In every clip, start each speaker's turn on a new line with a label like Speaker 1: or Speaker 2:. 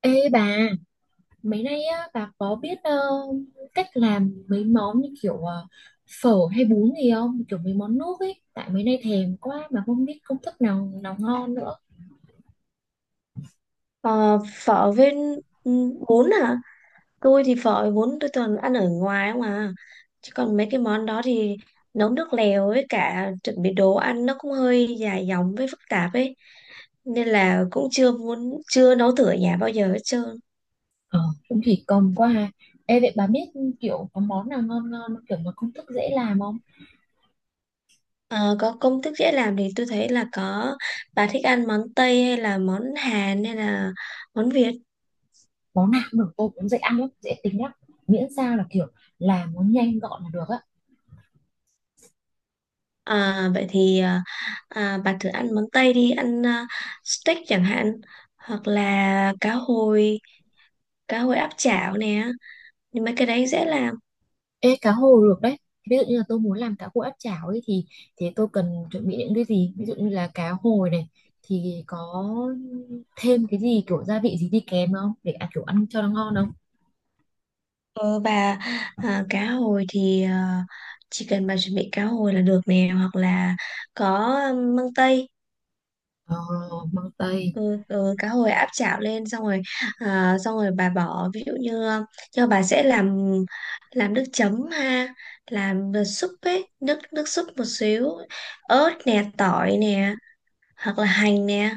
Speaker 1: Ê bà, mấy nay á, bà có biết cách làm mấy món như kiểu phở hay bún gì không? Kiểu mấy món nước ấy, tại mấy nay thèm quá mà không biết công thức nào nào ngon nữa.
Speaker 2: Ờ, phở với ừ, bún à. Tôi thì phở với bún tôi toàn ăn ở ngoài không à, chứ còn mấy cái món đó thì nấu nước lèo với cả chuẩn bị đồ ăn nó cũng hơi dài dòng với phức tạp ấy, nên là cũng chưa nấu thử ở nhà bao giờ hết trơn.
Speaker 1: Ờ, cũng thì cầm quá ha. Ê vậy bà biết kiểu có món nào ngon ngon, kiểu mà công thức dễ làm không?
Speaker 2: Ờ, có công thức dễ làm thì tôi thấy là có. Bà thích ăn món Tây hay là món Hàn hay là món Việt?
Speaker 1: Món nào cũng được, tôi cũng dễ ăn lắm, dễ tính lắm. Miễn sao là kiểu làm nó nhanh gọn là được á.
Speaker 2: Vậy thì, bà thử ăn món Tây đi, steak chẳng hạn, hoặc là cá hồi, cá hồi áp chảo nè, nhưng mấy cái đấy dễ làm.
Speaker 1: Ê, cá hồi được đấy. Ví dụ như là tôi muốn làm cá hồi áp chảo ấy thì tôi cần chuẩn bị những cái gì? Ví dụ như là cá hồi này thì có thêm cái gì kiểu gia vị gì đi kèm không để ăn kiểu ăn cho nó ngon không?
Speaker 2: Ờ, và à, cá hồi thì chỉ cần bà chuẩn bị cá hồi là được nè, hoặc là có măng tây.
Speaker 1: Ờ, măng tây.
Speaker 2: Ừ, ừ, cá hồi áp chảo lên xong rồi. Xong rồi bà bỏ ví dụ như, cho bà sẽ làm nước chấm ha, làm nước súp ấy, nước nước súp một xíu, ớt nè, tỏi nè, hoặc là hành nè.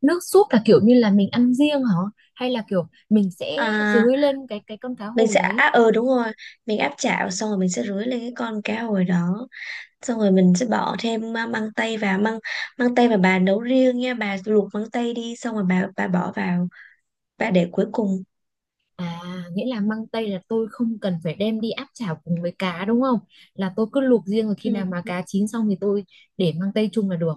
Speaker 1: Nước súp là kiểu như là mình ăn riêng hả? Hay là kiểu mình sẽ
Speaker 2: à,
Speaker 1: dưới lên cái con cá
Speaker 2: mình
Speaker 1: hồi
Speaker 2: sẽ
Speaker 1: đấy?
Speaker 2: à, ừ đúng rồi, mình áp chảo xong rồi mình sẽ rưới lên cái con cá hồi đó. Xong rồi mình sẽ bỏ thêm măng tây vào. Măng măng tây mà bà nấu riêng nha, bà luộc măng tây đi xong rồi bà bỏ vào, bà để cuối cùng.
Speaker 1: À, nghĩa là măng tây là tôi không cần phải đem đi áp chảo cùng với cá đúng không? Là tôi cứ luộc riêng rồi khi
Speaker 2: Ừ,
Speaker 1: nào mà cá chín xong thì tôi để măng tây chung là được.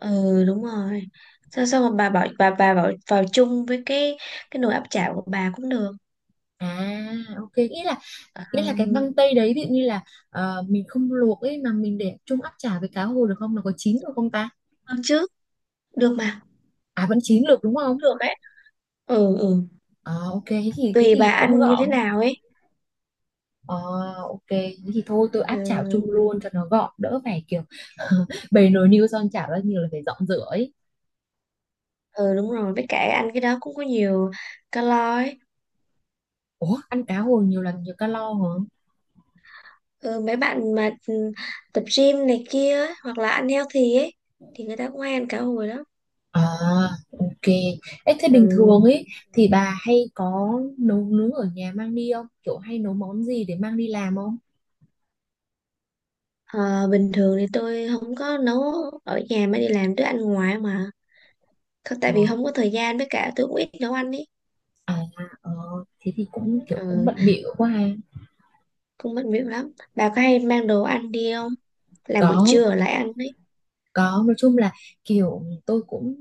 Speaker 2: ừ đúng rồi. Xong xong rồi bà bỏ vào chung với cái nồi áp chảo của bà cũng được.
Speaker 1: À, ok, nghĩa là
Speaker 2: Ừ,
Speaker 1: nghĩa là cái măng tây đấy ví dụ như là mình không luộc ấy mà mình để chung áp chảo với cá hồi được không, nó có chín được không ta?
Speaker 2: được chứ, được mà,
Speaker 1: À, vẫn chín được đúng
Speaker 2: cũng
Speaker 1: không?
Speaker 2: được ấy. Ừ, ừ,
Speaker 1: Ờ, ok, thế thì
Speaker 2: tùy bà
Speaker 1: cũng
Speaker 2: ăn như thế
Speaker 1: gọn.
Speaker 2: nào ấy.
Speaker 1: Ờ, ok, thế thì thôi tôi áp
Speaker 2: Ừ,
Speaker 1: chảo chung luôn cho nó gọn, đỡ phải kiểu bày nồi niêu son chảo ra nhiều là phải dọn rửa ấy.
Speaker 2: ừ đúng rồi, với cả ăn cái đó cũng có nhiều calo ấy.
Speaker 1: Ủa, ăn cá hồi nhiều là nhiều calo hả?
Speaker 2: Ừ, mấy bạn mà tập gym này kia ấy, hoặc là ăn healthy ấy, thì người ta cũng hay ăn cá hồi lắm.
Speaker 1: À, ok. Ê, thế
Speaker 2: Ừ.
Speaker 1: bình thường ấy thì bà hay có nấu nướng ở nhà mang đi không, kiểu hay nấu món gì để mang đi làm không?
Speaker 2: Ờ, bình thường thì tôi không có nấu ở nhà mà đi làm tôi ăn ngoài mà. Không- tại
Speaker 1: Ờ.
Speaker 2: vì không có thời gian, với cả tôi cũng ít nấu ăn ấy.
Speaker 1: À, ờ, thế thì cũng kiểu cũng
Speaker 2: Ừ,
Speaker 1: bận bịu quá ha.
Speaker 2: cũng mất việc lắm. Bà có hay mang đồ ăn đi không, làm buổi
Speaker 1: Có,
Speaker 2: trưa ở lại ăn ấy?
Speaker 1: có, nói chung là kiểu tôi cũng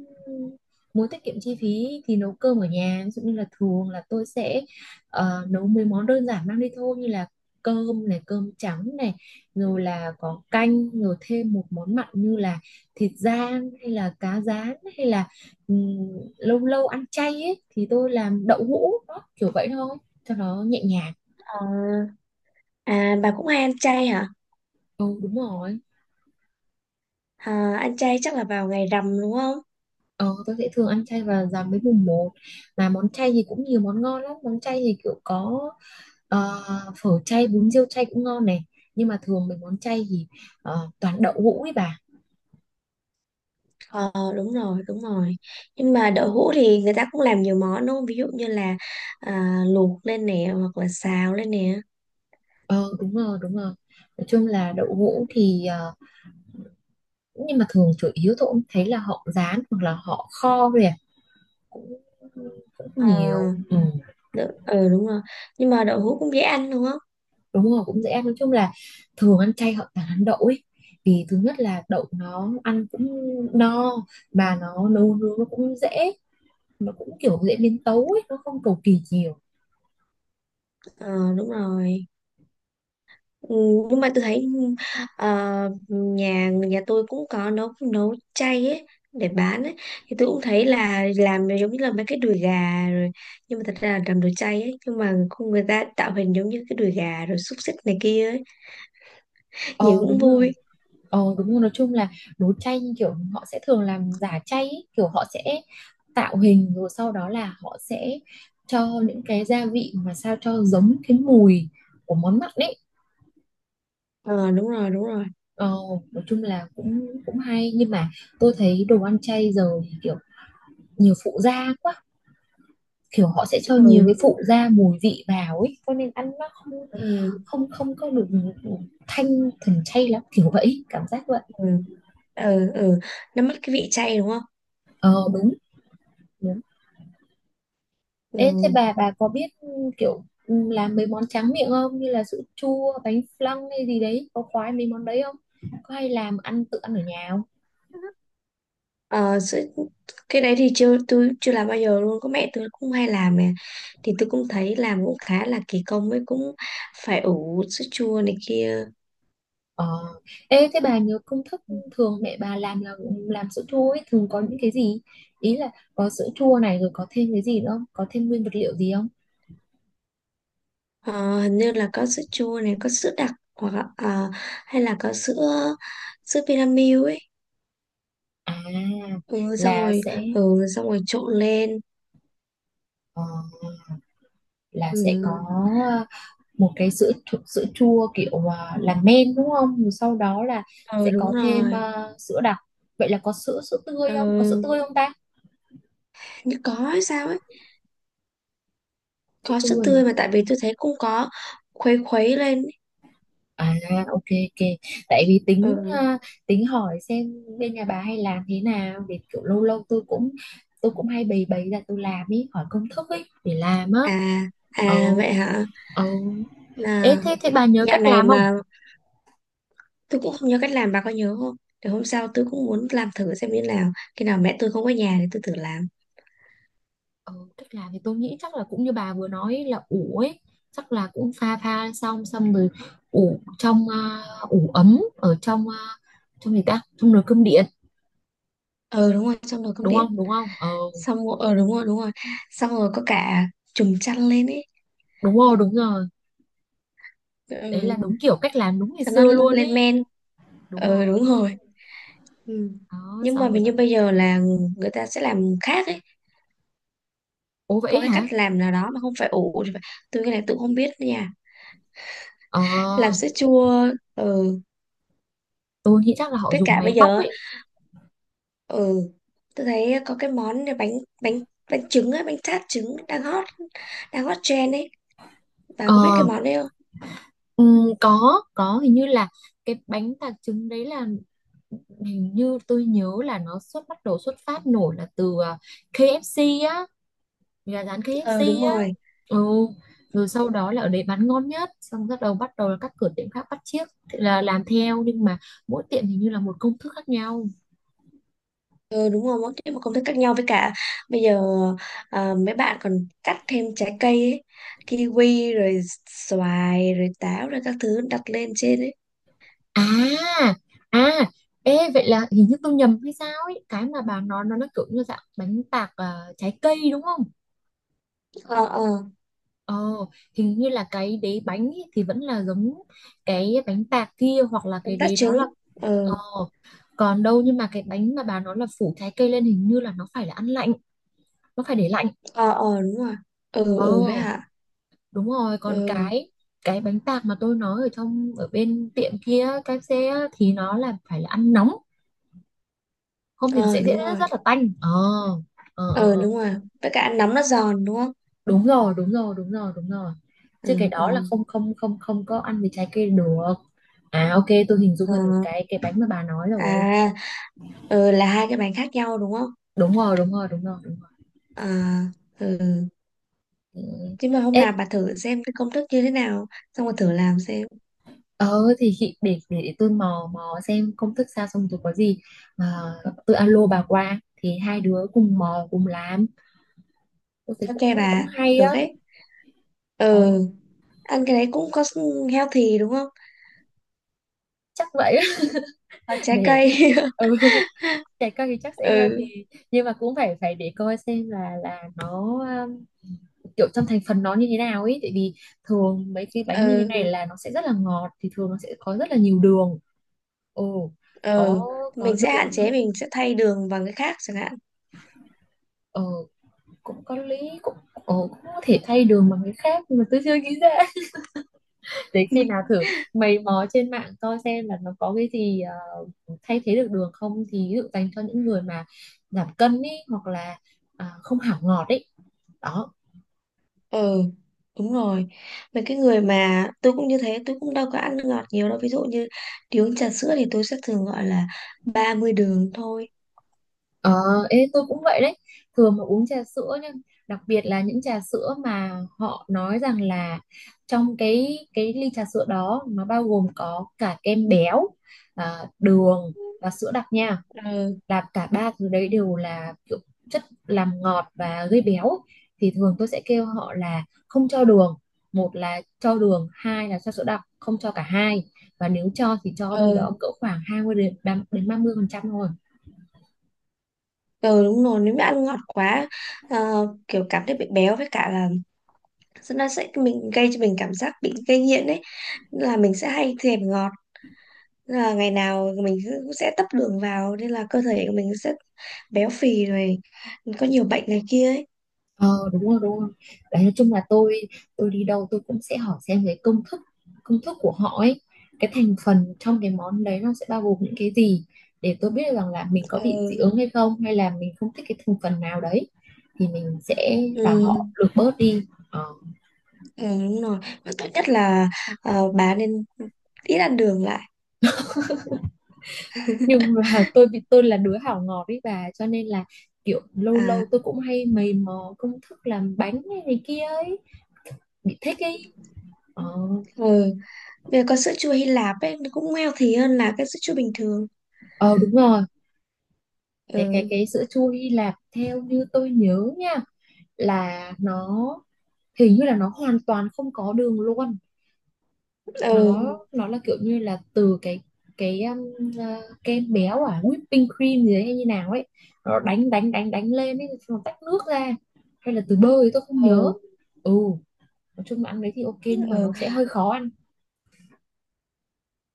Speaker 1: muốn tiết kiệm chi phí thì nấu cơm ở nhà. Ví dụ như là thường là tôi sẽ nấu mấy món đơn giản mang đi thôi, như là cơm này, cơm trắng này, rồi là có canh, rồi thêm một món mặn như là thịt rang hay là cá rán hay là ừm, lâu lâu ăn chay ấy thì tôi làm đậu hũ đó, kiểu vậy thôi cho nó nhẹ nhàng.
Speaker 2: Ờ, à, bà cũng hay ăn chay hả?
Speaker 1: Ừ, đúng rồi.
Speaker 2: À, ăn chay chắc là vào ngày rằm đúng không?
Speaker 1: Ờ, tôi sẽ thường ăn chay và giảm với mùng một. Mà món chay thì cũng nhiều món ngon lắm. Món chay thì kiểu có ờ, phở chay, bún riêu chay cũng ngon này. Nhưng mà thường mấy món chay thì toàn đậu hũ ấy bà.
Speaker 2: Ờ đúng rồi, đúng rồi. Nhưng mà đậu hũ thì người ta cũng làm nhiều món đúng không, ví dụ như là luộc lên nè, hoặc là xào lên nè.
Speaker 1: Ờ đúng rồi, đúng rồi. Nói chung là đậu hũ thì nhưng mà thường chủ yếu tôi cũng thấy là họ rán hoặc là họ kho thôi à. Cũng, cũng
Speaker 2: Ờ,
Speaker 1: nhiều ừ.
Speaker 2: ừ, đúng rồi. Nhưng mà đậu hũ cũng dễ ăn đúng không?
Speaker 1: Đúng rồi, cũng dễ ăn. Nói chung là thường ăn chay họ toàn ăn đậu ấy, vì thứ nhất là đậu nó ăn cũng no, mà nó nấu nướng nó cũng dễ, nó cũng kiểu dễ biến tấu ấy, nó không cầu kỳ nhiều.
Speaker 2: Ờ đúng rồi. Ừ, nhưng mà tôi thấy, ờ, nhà nhà tôi cũng có nấu nấu chay ấy để bán ấy, thì tôi cũng thấy là làm giống như là mấy cái đùi gà rồi. Nhưng mà thật ra là làm đồ chay ấy, nhưng mà không, người ta tạo hình giống như cái đùi gà rồi xúc xích này kia ấy, nhìn
Speaker 1: Ờ
Speaker 2: cũng
Speaker 1: đúng rồi.
Speaker 2: vui.
Speaker 1: Ờ đúng rồi, nói chung là đồ chay như kiểu họ sẽ thường làm giả chay ấy. Kiểu họ sẽ tạo hình rồi sau đó là họ sẽ cho những cái gia vị mà sao cho giống cái mùi của món mặn ấy.
Speaker 2: Ờ đúng rồi, đúng rồi.
Speaker 1: ờ, nói chung là cũng cũng hay, nhưng mà tôi thấy đồ ăn chay giờ thì nhiều phụ gia quá, kiểu họ sẽ cho
Speaker 2: Ừ
Speaker 1: nhiều cái
Speaker 2: đúng.
Speaker 1: phụ gia mùi vị vào ấy cho nên ăn nó không
Speaker 2: Ừ,
Speaker 1: không không có được thanh thuần chay lắm, kiểu vậy, cảm giác vậy.
Speaker 2: ừ. Ừ, ừ. Nó mất cái vị chay đúng không?
Speaker 1: Ờ đúng đúng. Ê, thế
Speaker 2: Ừ.
Speaker 1: bà có biết kiểu làm mấy món tráng miệng không, như là sữa chua, bánh flan hay gì đấy, có khoái mấy món đấy không, có hay làm ăn tự ăn ở nhà không?
Speaker 2: Ờ, cái đấy thì chưa tôi chưa làm bao giờ luôn, có mẹ tôi cũng hay làm nè, thì tôi cũng thấy làm cũng khá là kỳ công, với cũng phải ủ sữa chua này kia.
Speaker 1: Ờ, ê thế bà nhớ công thức thường mẹ bà làm là làm sữa chua ấy thường có những cái gì, ý là có sữa chua này rồi có thêm cái gì nữa không, có thêm nguyên vật liệu gì không?
Speaker 2: Ờ, hình như là có sữa chua này, có sữa đặc hoặc là, hay là có sữa sữa Vinamilk ấy.
Speaker 1: À,
Speaker 2: Ừ, xong
Speaker 1: là
Speaker 2: rồi.
Speaker 1: sẽ
Speaker 2: Ừ, xong rồi trộn lên.
Speaker 1: ờ, là
Speaker 2: Ừ,
Speaker 1: sẽ có ờ, một cái sữa chua kiểu làm men đúng không? Rồi sau đó là
Speaker 2: ừ
Speaker 1: sẽ
Speaker 2: đúng
Speaker 1: có thêm
Speaker 2: rồi.
Speaker 1: sữa đặc. Vậy là có sữa sữa tươi không? Có sữa tươi
Speaker 2: Ừ,
Speaker 1: không ta?
Speaker 2: như có hay sao ấy.
Speaker 1: Sữa
Speaker 2: Có sữa
Speaker 1: tươi.
Speaker 2: tươi mà, tại vì tôi thấy cũng có khuấy khuấy lên ấy.
Speaker 1: À, ok ok. Tại vì tính
Speaker 2: Ừ.
Speaker 1: tính hỏi xem bên nhà bà hay làm thế nào để kiểu lâu lâu tôi cũng hay bày bày ra tôi làm, ý hỏi công thức ấy để làm á.
Speaker 2: À,
Speaker 1: Ừ
Speaker 2: à vậy hả?
Speaker 1: ừ. Ê
Speaker 2: Là
Speaker 1: thế, bà nhớ
Speaker 2: dạo
Speaker 1: cách
Speaker 2: này
Speaker 1: làm không?
Speaker 2: mà tôi cũng không nhớ cách làm, bà có nhớ không? Để hôm sau tôi cũng muốn làm thử xem như nào, khi nào mẹ tôi không có nhà thì tôi thử làm.
Speaker 1: Ừ, cách làm thì tôi nghĩ chắc là cũng như bà vừa nói là ủ ấy, chắc là cũng pha pha xong xong rồi ủ trong ủ ấm ở trong trong gì ta, trong nồi cơm điện
Speaker 2: Ờ đúng rồi, xong rồi cơm
Speaker 1: đúng
Speaker 2: điện.
Speaker 1: không, đúng không ờ.
Speaker 2: Xong rồi đúng rồi, đúng rồi, xong rồi có cả chùm chăn lên ấy.
Speaker 1: Đúng rồi, đúng rồi. Đấy là
Speaker 2: Ừ.
Speaker 1: đúng kiểu cách làm đúng ngày
Speaker 2: Cho nó
Speaker 1: xưa luôn
Speaker 2: lên
Speaker 1: ấy.
Speaker 2: men.
Speaker 1: Đúng
Speaker 2: Ờ
Speaker 1: rồi.
Speaker 2: đúng rồi. Ừ.
Speaker 1: Đó
Speaker 2: Nhưng
Speaker 1: xong
Speaker 2: mà
Speaker 1: rồi
Speaker 2: hình
Speaker 1: sao?
Speaker 2: như bây giờ là người ta sẽ làm khác ấy.
Speaker 1: Ố,
Speaker 2: Có
Speaker 1: vậy
Speaker 2: cái cách
Speaker 1: hả?
Speaker 2: làm nào đó mà không phải ủ thì phải- tôi cái này tôi không biết đó nha.
Speaker 1: Ờ,
Speaker 2: Làm sữa chua. Ừ.
Speaker 1: tôi nghĩ chắc là họ
Speaker 2: Với
Speaker 1: dùng
Speaker 2: cả
Speaker 1: máy
Speaker 2: bây
Speaker 1: bóc
Speaker 2: giờ á,
Speaker 1: ấy.
Speaker 2: ừ, tôi thấy có cái món này, bánh bánh bánh trứng á, bánh tart trứng đang hot, đang hot trend ấy, bà có biết cái
Speaker 1: Ờ,
Speaker 2: món đấy không?
Speaker 1: ừ, có hình như là cái bánh tạc trứng đấy là hình như tôi nhớ là nó xuất bắt đầu xuất phát nổi là từ KFC á, gà rán
Speaker 2: Ờ
Speaker 1: KFC
Speaker 2: đúng
Speaker 1: á.
Speaker 2: rồi.
Speaker 1: Ừ, rồi sau đó là ở đấy bán ngon nhất xong bắt đầu là các cửa tiệm khác bắt chiếc, thì là làm theo nhưng mà mỗi tiệm hình như là một công thức khác nhau.
Speaker 2: Ờ đúng rồi, mỗi cái một công thức khác nhau, với cả bây giờ mấy bạn còn cắt thêm trái cây ấy, kiwi rồi xoài rồi táo rồi các thứ đặt lên trên ấy.
Speaker 1: À, à, ê vậy là hình như tôi nhầm hay sao ấy, cái mà bà nói nó kiểu như dạng bánh tạc trái cây đúng không?
Speaker 2: Ờ, ờ.
Speaker 1: Ờ, hình như là cái đế bánh ấy thì vẫn là giống cái bánh tạc kia, hoặc là cái
Speaker 2: Bánh tart
Speaker 1: đế đó
Speaker 2: trứng.
Speaker 1: là.
Speaker 2: Ờ.
Speaker 1: Ờ, còn đâu nhưng mà cái bánh mà bà nói là phủ trái cây lên hình như là nó phải là ăn lạnh, nó phải để lạnh.
Speaker 2: Ờ, ờ đúng rồi. Ừ,
Speaker 1: Ờ,
Speaker 2: ừ với hả?
Speaker 1: đúng rồi, còn
Speaker 2: Ừ.
Speaker 1: cái bánh tạc mà tôi nói ở trong ở bên tiệm kia KFC á, thì nó là phải là ăn nóng, không thì nó
Speaker 2: Ờ
Speaker 1: sẽ dễ
Speaker 2: đúng rồi.
Speaker 1: rất là tanh. Ờ, ờ, ờ,
Speaker 2: Ờ
Speaker 1: ờ,
Speaker 2: đúng rồi, với cả ăn nóng nó giòn đúng không?
Speaker 1: đúng rồi, đúng rồi, đúng rồi, đúng rồi. Chứ cái
Speaker 2: Ừ, ừ.
Speaker 1: đó là không không không không có ăn với trái cây được. À ok, tôi hình dung
Speaker 2: Ờ,
Speaker 1: là được cái bánh mà bà nói rồi.
Speaker 2: à, ừ là hai cái bánh khác nhau đúng không?
Speaker 1: Đúng rồi, đúng rồi, đúng rồi, đúng rồi.
Speaker 2: Ờ, ừ.
Speaker 1: Ừ.
Speaker 2: Chứ mà hôm
Speaker 1: Ê,
Speaker 2: nào bà thử xem cái công thức như thế nào, xong rồi thử làm xem.
Speaker 1: ờ thì chị để, để tôi mò mò xem công thức sao xong rồi có gì mà tôi alo bà qua thì hai đứa cùng mò cùng làm, tôi thấy
Speaker 2: Ok
Speaker 1: cũng cũng, cũng
Speaker 2: bà,
Speaker 1: hay
Speaker 2: được
Speaker 1: á.
Speaker 2: ấy.
Speaker 1: Ờ,
Speaker 2: Ừ. Ăn cái đấy cũng có healthy đúng không?
Speaker 1: chắc vậy á.
Speaker 2: Có trái
Speaker 1: Để
Speaker 2: cây.
Speaker 1: ừ, trẻ con thì chắc sẽ healthy,
Speaker 2: Ừ,
Speaker 1: nhưng mà cũng phải phải để coi xem là nó um, kiểu trong thành phần nó như thế nào ấy, tại vì thường mấy cái bánh như thế
Speaker 2: ừ,
Speaker 1: này là nó sẽ rất là ngọt thì thường nó sẽ có rất là nhiều đường. Ồ, có
Speaker 2: ừ.
Speaker 1: có
Speaker 2: Mình sẽ hạn
Speaker 1: đường nữa.
Speaker 2: chế, mình sẽ thay đường bằng cái khác chẳng hạn.
Speaker 1: Ờ, cũng có lý, cũng ồ cũng có thể thay đường bằng cái khác nhưng mà tôi chưa nghĩ ra. Để khi nào thử mày mò trên mạng coi xem là nó có cái gì thay thế được đường không, thì ví dụ dành cho những người mà giảm cân ý, hoặc là không hảo ngọt ấy, đó.
Speaker 2: Ừ đúng rồi, mấy cái người mà tôi cũng như thế, tôi cũng đâu có ăn nước ngọt nhiều đâu. Ví dụ như đi uống trà sữa thì tôi sẽ thường gọi là 30 đường thôi.
Speaker 1: Ờ, ê, tôi cũng vậy đấy, thường mà uống trà sữa, nhưng đặc biệt là những trà sữa mà họ nói rằng là trong cái ly trà sữa đó nó bao gồm có cả kem béo, đường và sữa đặc nha,
Speaker 2: Ừ,
Speaker 1: là cả ba thứ đấy đều là kiểu chất làm ngọt và gây béo, thì thường tôi sẽ kêu họ là không cho đường, một là cho đường hai là cho sữa đặc không cho cả hai, và nếu cho thì cho đâu
Speaker 2: ừ.
Speaker 1: đó cỡ khoảng 20% đến 30% thôi.
Speaker 2: Ừ đúng rồi, nếu mà ăn ngọt quá, kiểu cảm thấy bị béo, với cả là nó sẽ mình gây cho mình cảm giác bị gây nghiện ấy. Nên là mình sẽ hay thèm ngọt. Nên là ngày nào mình cũng sẽ tấp đường vào, nên là cơ thể của mình sẽ béo phì rồi có nhiều bệnh này kia ấy.
Speaker 1: Ờ đúng rồi đúng rồi. Đấy, nói chung là tôi đi đâu tôi cũng sẽ hỏi xem cái công thức, của họ ấy, cái thành phần trong cái món đấy nó sẽ bao gồm những cái gì để tôi biết được rằng là mình có bị dị
Speaker 2: Ừ,
Speaker 1: ứng hay không, hay là mình không thích cái thành phần nào đấy, thì mình sẽ bảo Ừ.
Speaker 2: ừ.
Speaker 1: họ lược bớt đi ờ.
Speaker 2: Ừ, đúng rồi. Và tốt nhất là bà nên ít ăn đường lại.
Speaker 1: Nhưng mà tôi là đứa hảo ngọt ấy bà cho nên là kiểu lâu
Speaker 2: À,
Speaker 1: lâu tôi cũng hay mày mò công thức làm bánh này, này kia ấy, bị thích ấy ờ.
Speaker 2: ừ. Bây giờ con sữa chua Hy Lạp ấy nó cũng healthy hơn là cái sữa chua bình thường.
Speaker 1: Ờ đúng rồi, cái cái
Speaker 2: Ừ,
Speaker 1: cái sữa chua Hy Lạp theo như tôi nhớ nha là nó hình như là nó hoàn toàn không có đường luôn, nó
Speaker 2: ừ,
Speaker 1: Ừ. nó là kiểu như là từ cái kem béo à whipping cream gì đấy hay như nào ấy, nó đánh đánh đánh đánh lên ấy xong nó tách nước ra, hay là từ bơ thì tôi không nhớ.
Speaker 2: ừ,
Speaker 1: Ừ, nói chung là ăn đấy thì ok nhưng mà
Speaker 2: ừ,
Speaker 1: nó sẽ hơi khó ăn.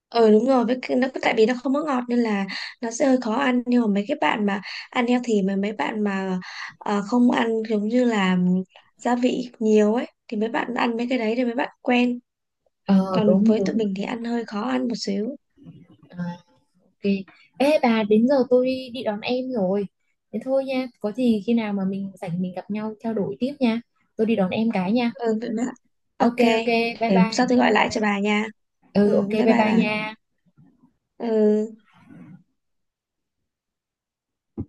Speaker 2: ừ đúng rồi. Với cái, nó tại vì nó không có ngọt nên là nó sẽ hơi khó ăn. Nhưng mà mấy cái bạn mà ăn healthy, mà mấy bạn mà không ăn giống như là gia vị nhiều ấy, thì mấy bạn ăn mấy cái đấy thì mấy bạn quen.
Speaker 1: Ờ
Speaker 2: Còn
Speaker 1: đúng
Speaker 2: với tụi
Speaker 1: đúng.
Speaker 2: mình thì ăn hơi khó ăn một xíu.
Speaker 1: À, ok. Ê bà, đến giờ tôi đi, đón em rồi. Thế thôi nha, có gì khi nào mà mình rảnh mình gặp nhau trao đổi tiếp nha. Tôi đi đón em cái nha.
Speaker 2: Ừ vậy mà, ok.
Speaker 1: Ok ok, bye
Speaker 2: Để hôm
Speaker 1: bye,
Speaker 2: sau tôi gọi
Speaker 1: bye
Speaker 2: lại
Speaker 1: bye.
Speaker 2: cho bà nha. Ừ
Speaker 1: Ừ ok,
Speaker 2: bye
Speaker 1: bye
Speaker 2: bye
Speaker 1: bye
Speaker 2: bà.
Speaker 1: nha.
Speaker 2: Ừ.